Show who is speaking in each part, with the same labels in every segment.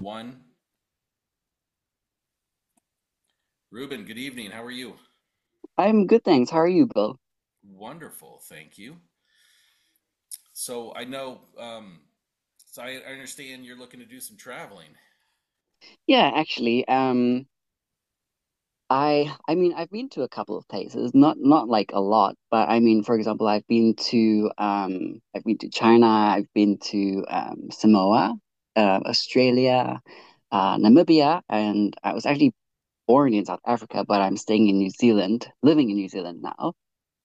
Speaker 1: One, Ruben, good evening. How are you?
Speaker 2: I'm good, thanks. How are you, Bill?
Speaker 1: Wonderful, thank you. So I know, um, so I understand you're looking to do some traveling.
Speaker 2: Yeah, actually, I mean, I've been to a couple of places, not like a lot, but I mean, for example, I've been to China, I've been to Samoa, Australia, Namibia, and I was actually born in South Africa, but I'm staying in New Zealand, living in New Zealand now.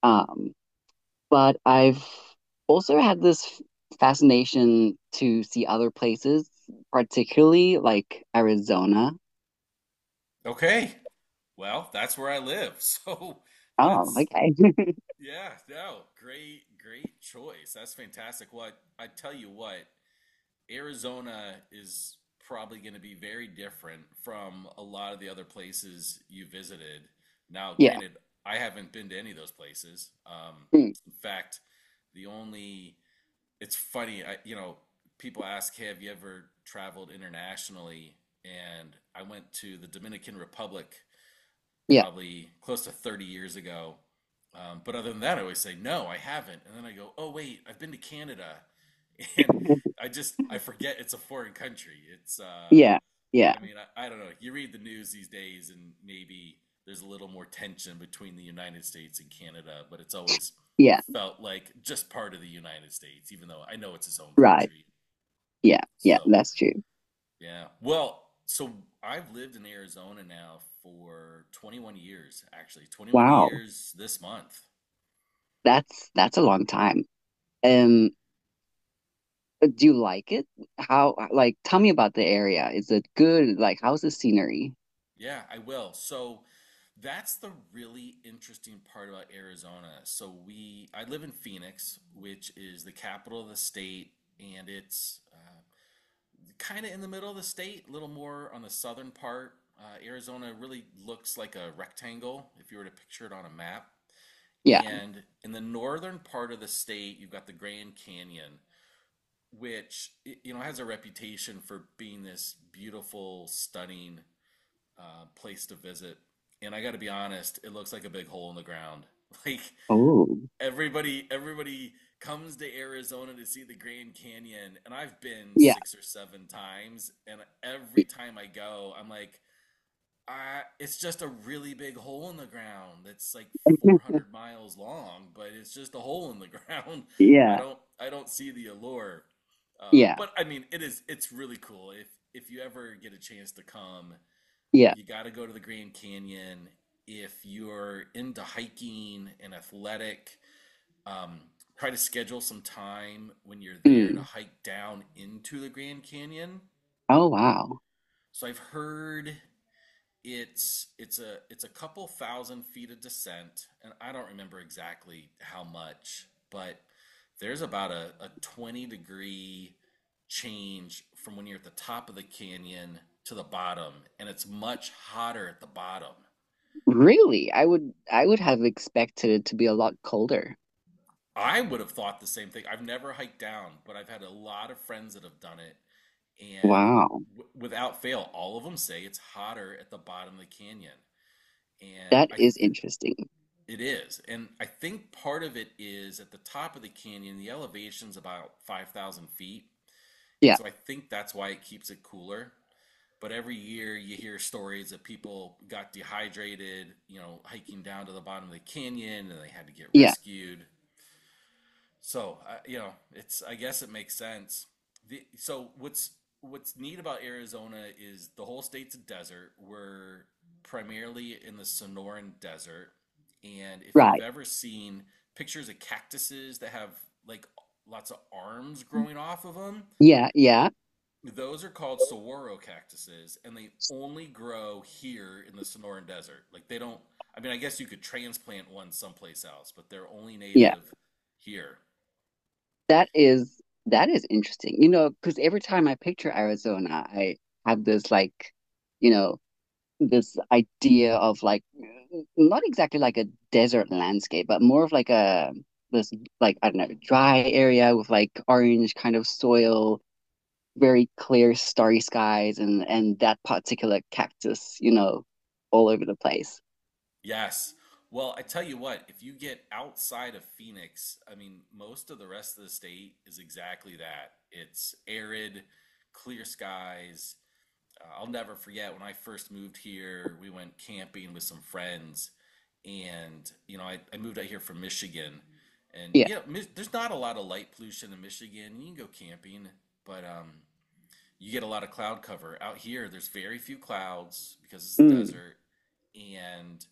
Speaker 2: Um, but I've also had this fascination to see other places, particularly like Arizona.
Speaker 1: Okay. Well, that's where I live. So
Speaker 2: Oh,
Speaker 1: that's,
Speaker 2: okay.
Speaker 1: yeah, no, great choice. That's fantastic. What I tell you what, Arizona is probably going to be very different from a lot of the other places you visited. Now,
Speaker 2: Yeah.
Speaker 1: granted, I haven't been to any of those places.
Speaker 2: Mm.
Speaker 1: In fact, the only it's funny, people ask, "Hey, have you ever traveled internationally?" And I went to the Dominican Republic
Speaker 2: Yeah.
Speaker 1: probably close to 30 years ago. But other than that, I always say, no, I haven't. And then I go, oh, wait, I've been to Canada. And I forget it's a foreign country. It's
Speaker 2: Yeah. Yeah.
Speaker 1: I mean I don't know. You read the news these days and maybe there's a little more tension between the United States and Canada, but it's always
Speaker 2: Yeah.
Speaker 1: felt like just part of the United States, even though I know it's its own
Speaker 2: Right.
Speaker 1: country.
Speaker 2: Yeah. Yeah.
Speaker 1: So
Speaker 2: That's true.
Speaker 1: yeah. Well, so I've lived in Arizona now for 21 years, actually. 21
Speaker 2: Wow.
Speaker 1: years this month.
Speaker 2: That's a long time. Um, but do you like it? How like tell me about the area. Is it good? Like how's the scenery?
Speaker 1: Yeah, I will. So that's the really interesting part about Arizona. I live in Phoenix, which is the capital of the state, and it's kind of in the middle of the state, a little more on the southern part. Arizona really looks like a rectangle if you were to picture it on a map.
Speaker 2: Yeah.
Speaker 1: And in the northern part of the state, you've got the Grand Canyon, which you know has a reputation for being this beautiful, stunning place to visit. And I got to be honest, it looks like a big hole in the ground. Like
Speaker 2: Oh.
Speaker 1: everybody comes to Arizona to see the Grand Canyon, and I've been
Speaker 2: Yeah.
Speaker 1: six or seven times, and every
Speaker 2: Y-
Speaker 1: time I go, I'm like, it's just a really big hole in the ground that's like 400 miles long, but it's just a hole in the ground.
Speaker 2: Yeah.
Speaker 1: I don't see the allure.
Speaker 2: Yeah.
Speaker 1: But I mean, it is, It's really cool. If you ever get a chance to come,
Speaker 2: Yeah.
Speaker 1: you got to go to the Grand Canyon. If you're into hiking and athletic, um, try to schedule some time when you're there to
Speaker 2: Mm.
Speaker 1: hike down into the Grand Canyon.
Speaker 2: Oh wow.
Speaker 1: So I've heard it's a couple thousand feet of descent, and I don't remember exactly how much, but there's about a 20-degree change from when you're at the top of the canyon to the bottom, and it's much hotter at the bottom.
Speaker 2: Really? I would have expected it to be a lot colder.
Speaker 1: I would have thought the same thing. I've never hiked down, but I've had a lot of friends that have done it, and
Speaker 2: Wow.
Speaker 1: w without fail, all of them say it's hotter at the bottom of the canyon, and
Speaker 2: That
Speaker 1: I
Speaker 2: is
Speaker 1: th
Speaker 2: interesting.
Speaker 1: it is, and I think part of it is at the top of the canyon, the elevation's about 5,000 feet, and
Speaker 2: Yeah.
Speaker 1: so I think that's why it keeps it cooler. But every year you hear stories that people got dehydrated, you know, hiking down to the bottom of the canyon and they had to get
Speaker 2: Yeah.
Speaker 1: rescued. So, you know, it's I guess it makes sense. So what's neat about Arizona is the whole state's a desert. We're primarily in the Sonoran Desert, and if you've
Speaker 2: Right.
Speaker 1: ever seen pictures of cactuses that have like lots of arms growing off of them,
Speaker 2: Yeah. Yeah.
Speaker 1: those are called saguaro cactuses, and they only grow here in the Sonoran Desert. Like they don't. I mean, I guess you could transplant one someplace else, but they're only
Speaker 2: Yeah.
Speaker 1: native here.
Speaker 2: That is that is interesting. You know, because every time I picture Arizona, I have this like, you know, this idea of like not exactly like a desert landscape, but more of like a this like I don't know, dry area with like orange kind of soil, very clear starry skies and that particular cactus, you know, all over the place.
Speaker 1: Yes. Well, I tell you what, if you get outside of Phoenix, I mean, most of the rest of the state is exactly that. It's arid, clear skies. I'll never forget when I first moved here, we went camping with some friends. And, you know, I moved out here from Michigan. And,
Speaker 2: Yeah.
Speaker 1: you know, there's not a lot of light pollution in Michigan. You can go camping, but you get a lot of cloud cover. Out here, there's very few clouds because it's the
Speaker 2: Mm.
Speaker 1: desert and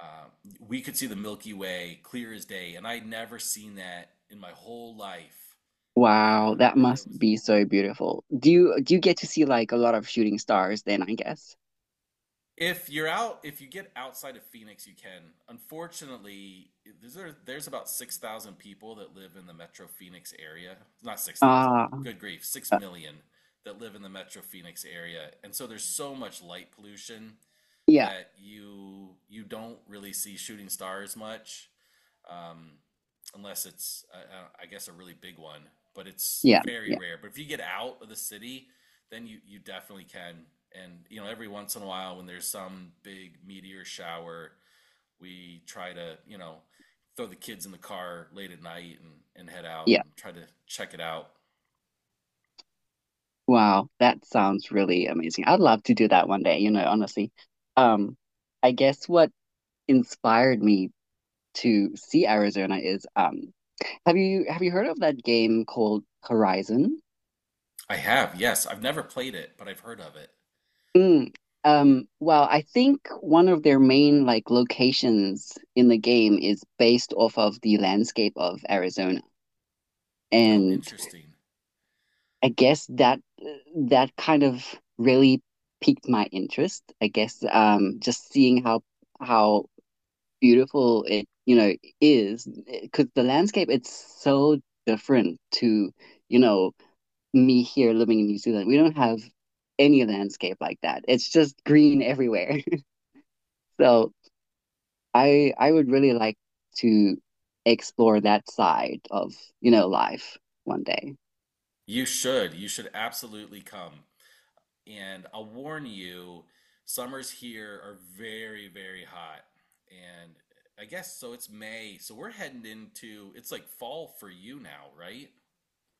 Speaker 1: um, we could see the Milky Way clear as day, and I'd never seen that in my whole life.
Speaker 2: Wow, that
Speaker 1: And it
Speaker 2: must
Speaker 1: was
Speaker 2: be so beautiful. Do you get to see like a lot of shooting stars then, I guess?
Speaker 1: if you're out, if you get outside of Phoenix, you can. Unfortunately, there's there's about 6,000 people that live in the Metro Phoenix area. Not 6,000,
Speaker 2: Ah,
Speaker 1: good grief, six
Speaker 2: uh,
Speaker 1: million that live in the Metro Phoenix area, and so there's so much light pollution
Speaker 2: yeah,
Speaker 1: that you don't really see shooting stars much. um, Unless it's I guess a really big one. But it's
Speaker 2: yeah,
Speaker 1: very
Speaker 2: yeah,
Speaker 1: rare. But if you get out of the city, then you definitely can. And you know, every once in a while, when there's some big meteor shower, we try to you know throw the kids in the car late at night and head out
Speaker 2: yeah.
Speaker 1: and try to check it out.
Speaker 2: Wow, that sounds really amazing. I'd love to do that one day, you know, honestly. Um, I guess what inspired me to see Arizona is have you heard of that game called Horizon?
Speaker 1: I have, yes, I've never played it, but I've heard of it.
Speaker 2: Mm. Well, I think one of their main like locations in the game is based off of the landscape of Arizona.
Speaker 1: Oh,
Speaker 2: And
Speaker 1: interesting.
Speaker 2: I guess that that kind of really piqued my interest. I guess just seeing how how beautiful it you know is because the landscape it's so different to you know me here living in New Zealand. We don't have any landscape like that. It's just green everywhere. So I would really like to explore that side of you know life one day.
Speaker 1: You should. You should absolutely come. And I'll warn you, summers here are very hot. And I guess so it's May. So we're heading into it's like fall for you now, right?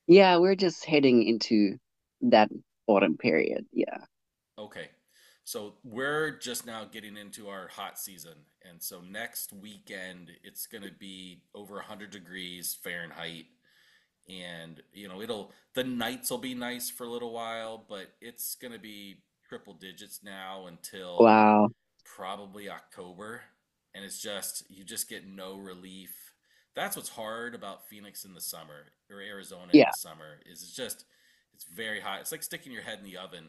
Speaker 2: Yeah, we're just heading into that autumn period. Yeah.
Speaker 1: Okay. So we're just now getting into our hot season. And so next weekend it's going to be over 100 degrees Fahrenheit and you know, it'll the nights will be nice for a little while, but it's going to be triple digits now until
Speaker 2: Wow.
Speaker 1: probably October, and it's just you just get no relief. That's what's hard about Phoenix in the summer or Arizona in
Speaker 2: Yeah.
Speaker 1: the summer is it's very hot. It's like sticking your head in the oven.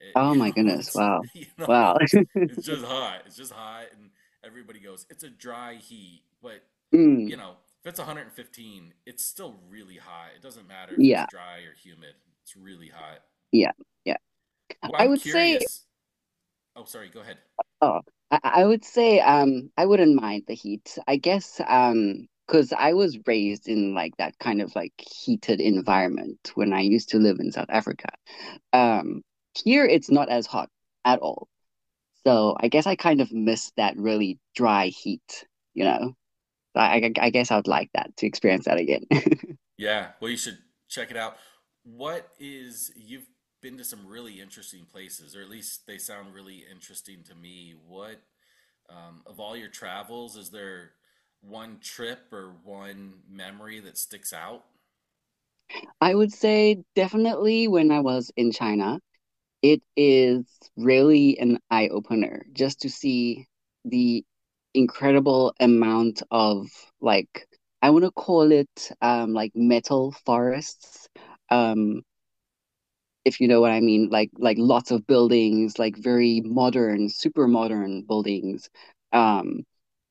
Speaker 1: You
Speaker 2: Oh my
Speaker 1: know,
Speaker 2: goodness. Wow.
Speaker 1: you know,
Speaker 2: Wow.
Speaker 1: it's it's just hot. It's just hot, and everybody goes, it's a dry heat, but you
Speaker 2: Mm.
Speaker 1: know, if it's 115, it's still really hot. It doesn't matter if it's
Speaker 2: Yeah.
Speaker 1: dry or humid. It's really hot.
Speaker 2: Yeah. Yeah.
Speaker 1: Well,
Speaker 2: I
Speaker 1: I'm
Speaker 2: would say,
Speaker 1: curious. Oh, sorry, go ahead.
Speaker 2: oh, I would say, I wouldn't mind the heat. I guess, because I was raised in like that kind of like heated environment when I used to live in South Africa. Um, Here it's not as hot at all. So I guess I kind of miss that really dry heat, you know? I guess I would like that to experience that again.
Speaker 1: Yeah, well, you should check it out. You've been to some really interesting places, or at least they sound really interesting to me. Of all your travels, is there one trip or one memory that sticks out?
Speaker 2: I would say definitely when I was in China, it is really an eye opener just to see the incredible amount of like I want to call it like metal forests. Um if you know what I mean, like lots of buildings, like very modern, super modern buildings. Um,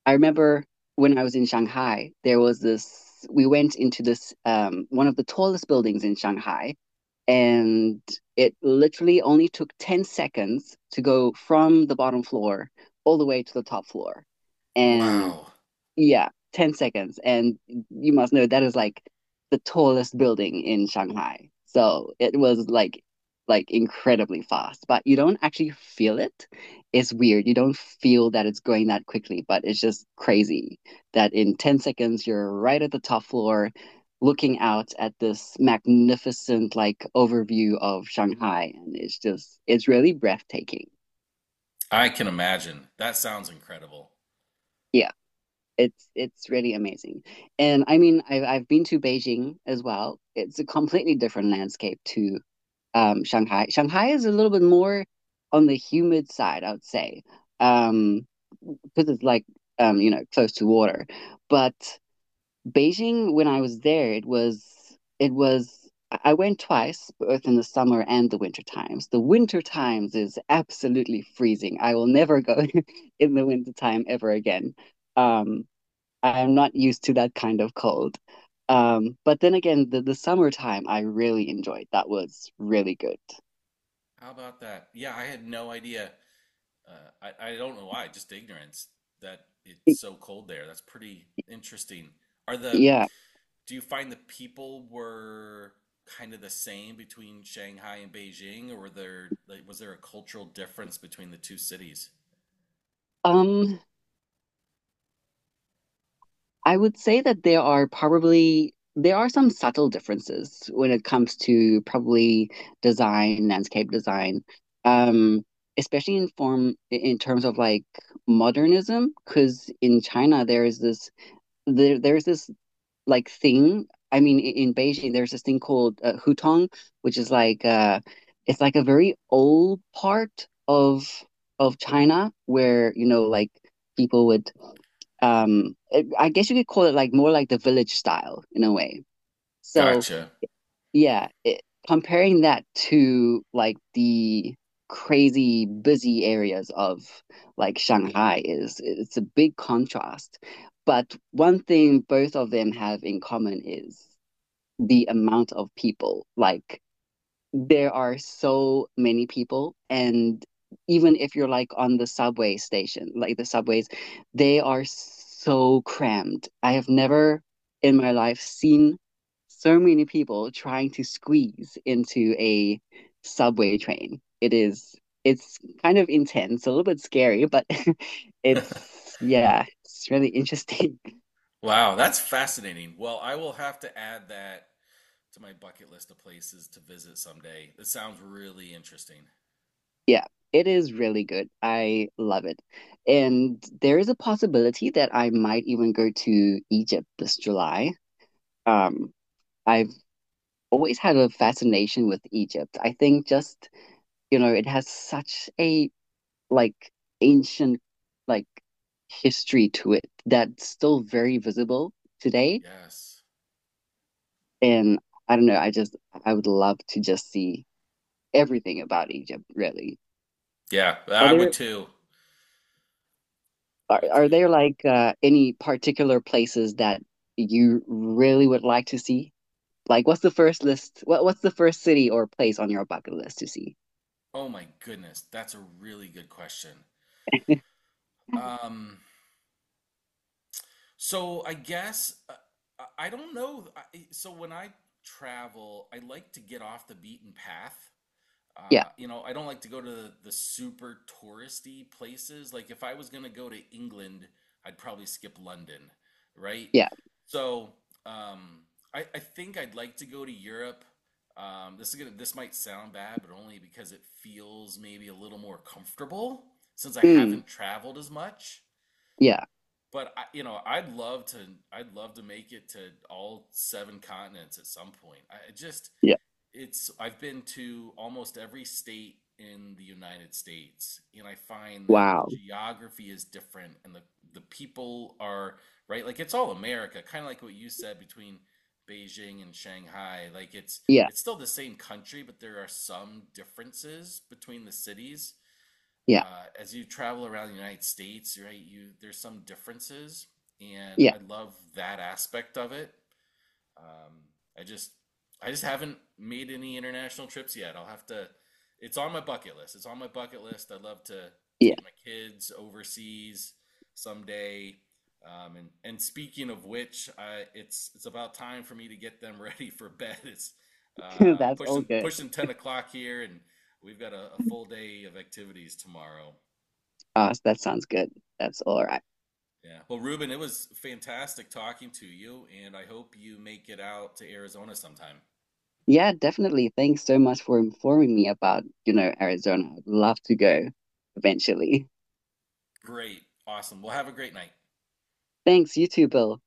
Speaker 2: I remember when I was in Shanghai, there was this. We went into this one of the tallest buildings in Shanghai, and it literally only took 10 seconds to go from the bottom floor all the way to the top floor. And
Speaker 1: Wow,
Speaker 2: yeah, 10 seconds. And you must know that is like the tallest building in Shanghai. So it was like incredibly fast, but you don't actually feel it. It's weird. You don't feel that it's going that quickly, but it's just crazy that in 10 seconds you're right at the top floor looking out at this magnificent like overview of Shanghai and it's really breathtaking.
Speaker 1: I can imagine. That sounds incredible.
Speaker 2: Yeah. It's really amazing and I mean I've been to Beijing as well. It's a completely different landscape to Shanghai. Shanghai is a little bit more on the humid side I would say, um, because it's like you know close to water. But Beijing when I was there it was. I went twice, both in the summer and the winter times. The winter times is absolutely freezing. I will never go in the winter time ever again. um, I'm not used to that kind of cold. But then again, the summertime I really enjoyed. That was really good.
Speaker 1: How about that? Yeah, I had no idea. I don't know why, just ignorance that it's
Speaker 2: Y-
Speaker 1: so cold there. That's pretty interesting. Are the
Speaker 2: Yeah.
Speaker 1: Do you find the people were kind of the same between Shanghai and Beijing, or were there like was there a cultural difference between the two cities?
Speaker 2: Um, I would say that there are some subtle differences when it comes to probably design, landscape design. Um, Especially in form in terms of like modernism, because in China there is this there there's this like thing. I mean, in Beijing, there's this thing called hutong, which is like it's like a very old part of China where you know like people would um I guess you could call it like more like the village style in a way. So
Speaker 1: Gotcha.
Speaker 2: yeah, it, comparing that to like the crazy busy areas of like Shanghai is it's a big contrast. But one thing both of them have in common is the amount of people. Like there are so many people and even if you're like on the subway station, like the subways, they are so crammed. I have never in my life seen so many people trying to squeeze into a subway train. It's kind of intense, a little bit scary, but it's yeah, it's really interesting.
Speaker 1: Wow, that's fascinating. Well, I will have to add that to my bucket list of places to visit someday. This sounds really interesting.
Speaker 2: Yeah, it is really good. I love it. And there is a possibility that I might even go to Egypt this July. Um, I've always had a fascination with Egypt. I think just, you know, it has such a like ancient like history to it that's still very visible today.
Speaker 1: Yes.
Speaker 2: And I don't know, I would love to just see everything about Egypt, really.
Speaker 1: Yeah,
Speaker 2: Are
Speaker 1: I would
Speaker 2: there
Speaker 1: too. I would
Speaker 2: Are
Speaker 1: too.
Speaker 2: there like any particular places that you really would like to see? Like, what's the first list? What what's the first city or place on your bucket list to see?
Speaker 1: Oh my goodness, that's a really good question. Um, So I guess I I don't know. I, so when I travel, I like to get off the beaten path.
Speaker 2: Yeah,
Speaker 1: You know, I don't like to go to the super touristy places. Like if I was going to go to England, I'd probably skip London, right?
Speaker 2: yeah,
Speaker 1: So um, I think I'd like to go to Europe. This might sound bad, but only because it feels maybe a little more comfortable since I
Speaker 2: mm,
Speaker 1: haven't traveled as much.
Speaker 2: yeah,
Speaker 1: But you know, I'd love to. I'd love to make it to all seven continents at some point. I just,
Speaker 2: yeah.
Speaker 1: it's. I've been to almost every state in the United States, and I find that the
Speaker 2: Wow.
Speaker 1: geography is different, and the people are right. Like it's all America, kind of like what you said between Beijing and Shanghai. Like
Speaker 2: Yeah,
Speaker 1: it's still the same country, but there are some differences between the cities
Speaker 2: yeah,
Speaker 1: as you travel around the United States, right, you there's some differences, and
Speaker 2: yeah,
Speaker 1: I love that aspect of it. Um, I just I just haven't made any international trips yet. I'll have to. It's on my bucket list. It's on my bucket list. I'd love to
Speaker 2: yeah.
Speaker 1: take my kids overseas someday. And speaking of which, it's about time for me to get them ready for bed. It's uh,
Speaker 2: That's all
Speaker 1: pushing
Speaker 2: good.
Speaker 1: pushing 10 o'clock here, and we've got a full day of activities tomorrow.
Speaker 2: That sounds good. That's all right.
Speaker 1: Yeah. Well, Ruben, it was fantastic talking to you, and I hope you make it out to Arizona sometime.
Speaker 2: Yeah, definitely. Thanks so much for informing me about, you know, Arizona. I'd love to go eventually.
Speaker 1: Great. Awesome. Well, have a great night.
Speaker 2: Thanks, you too, Bill.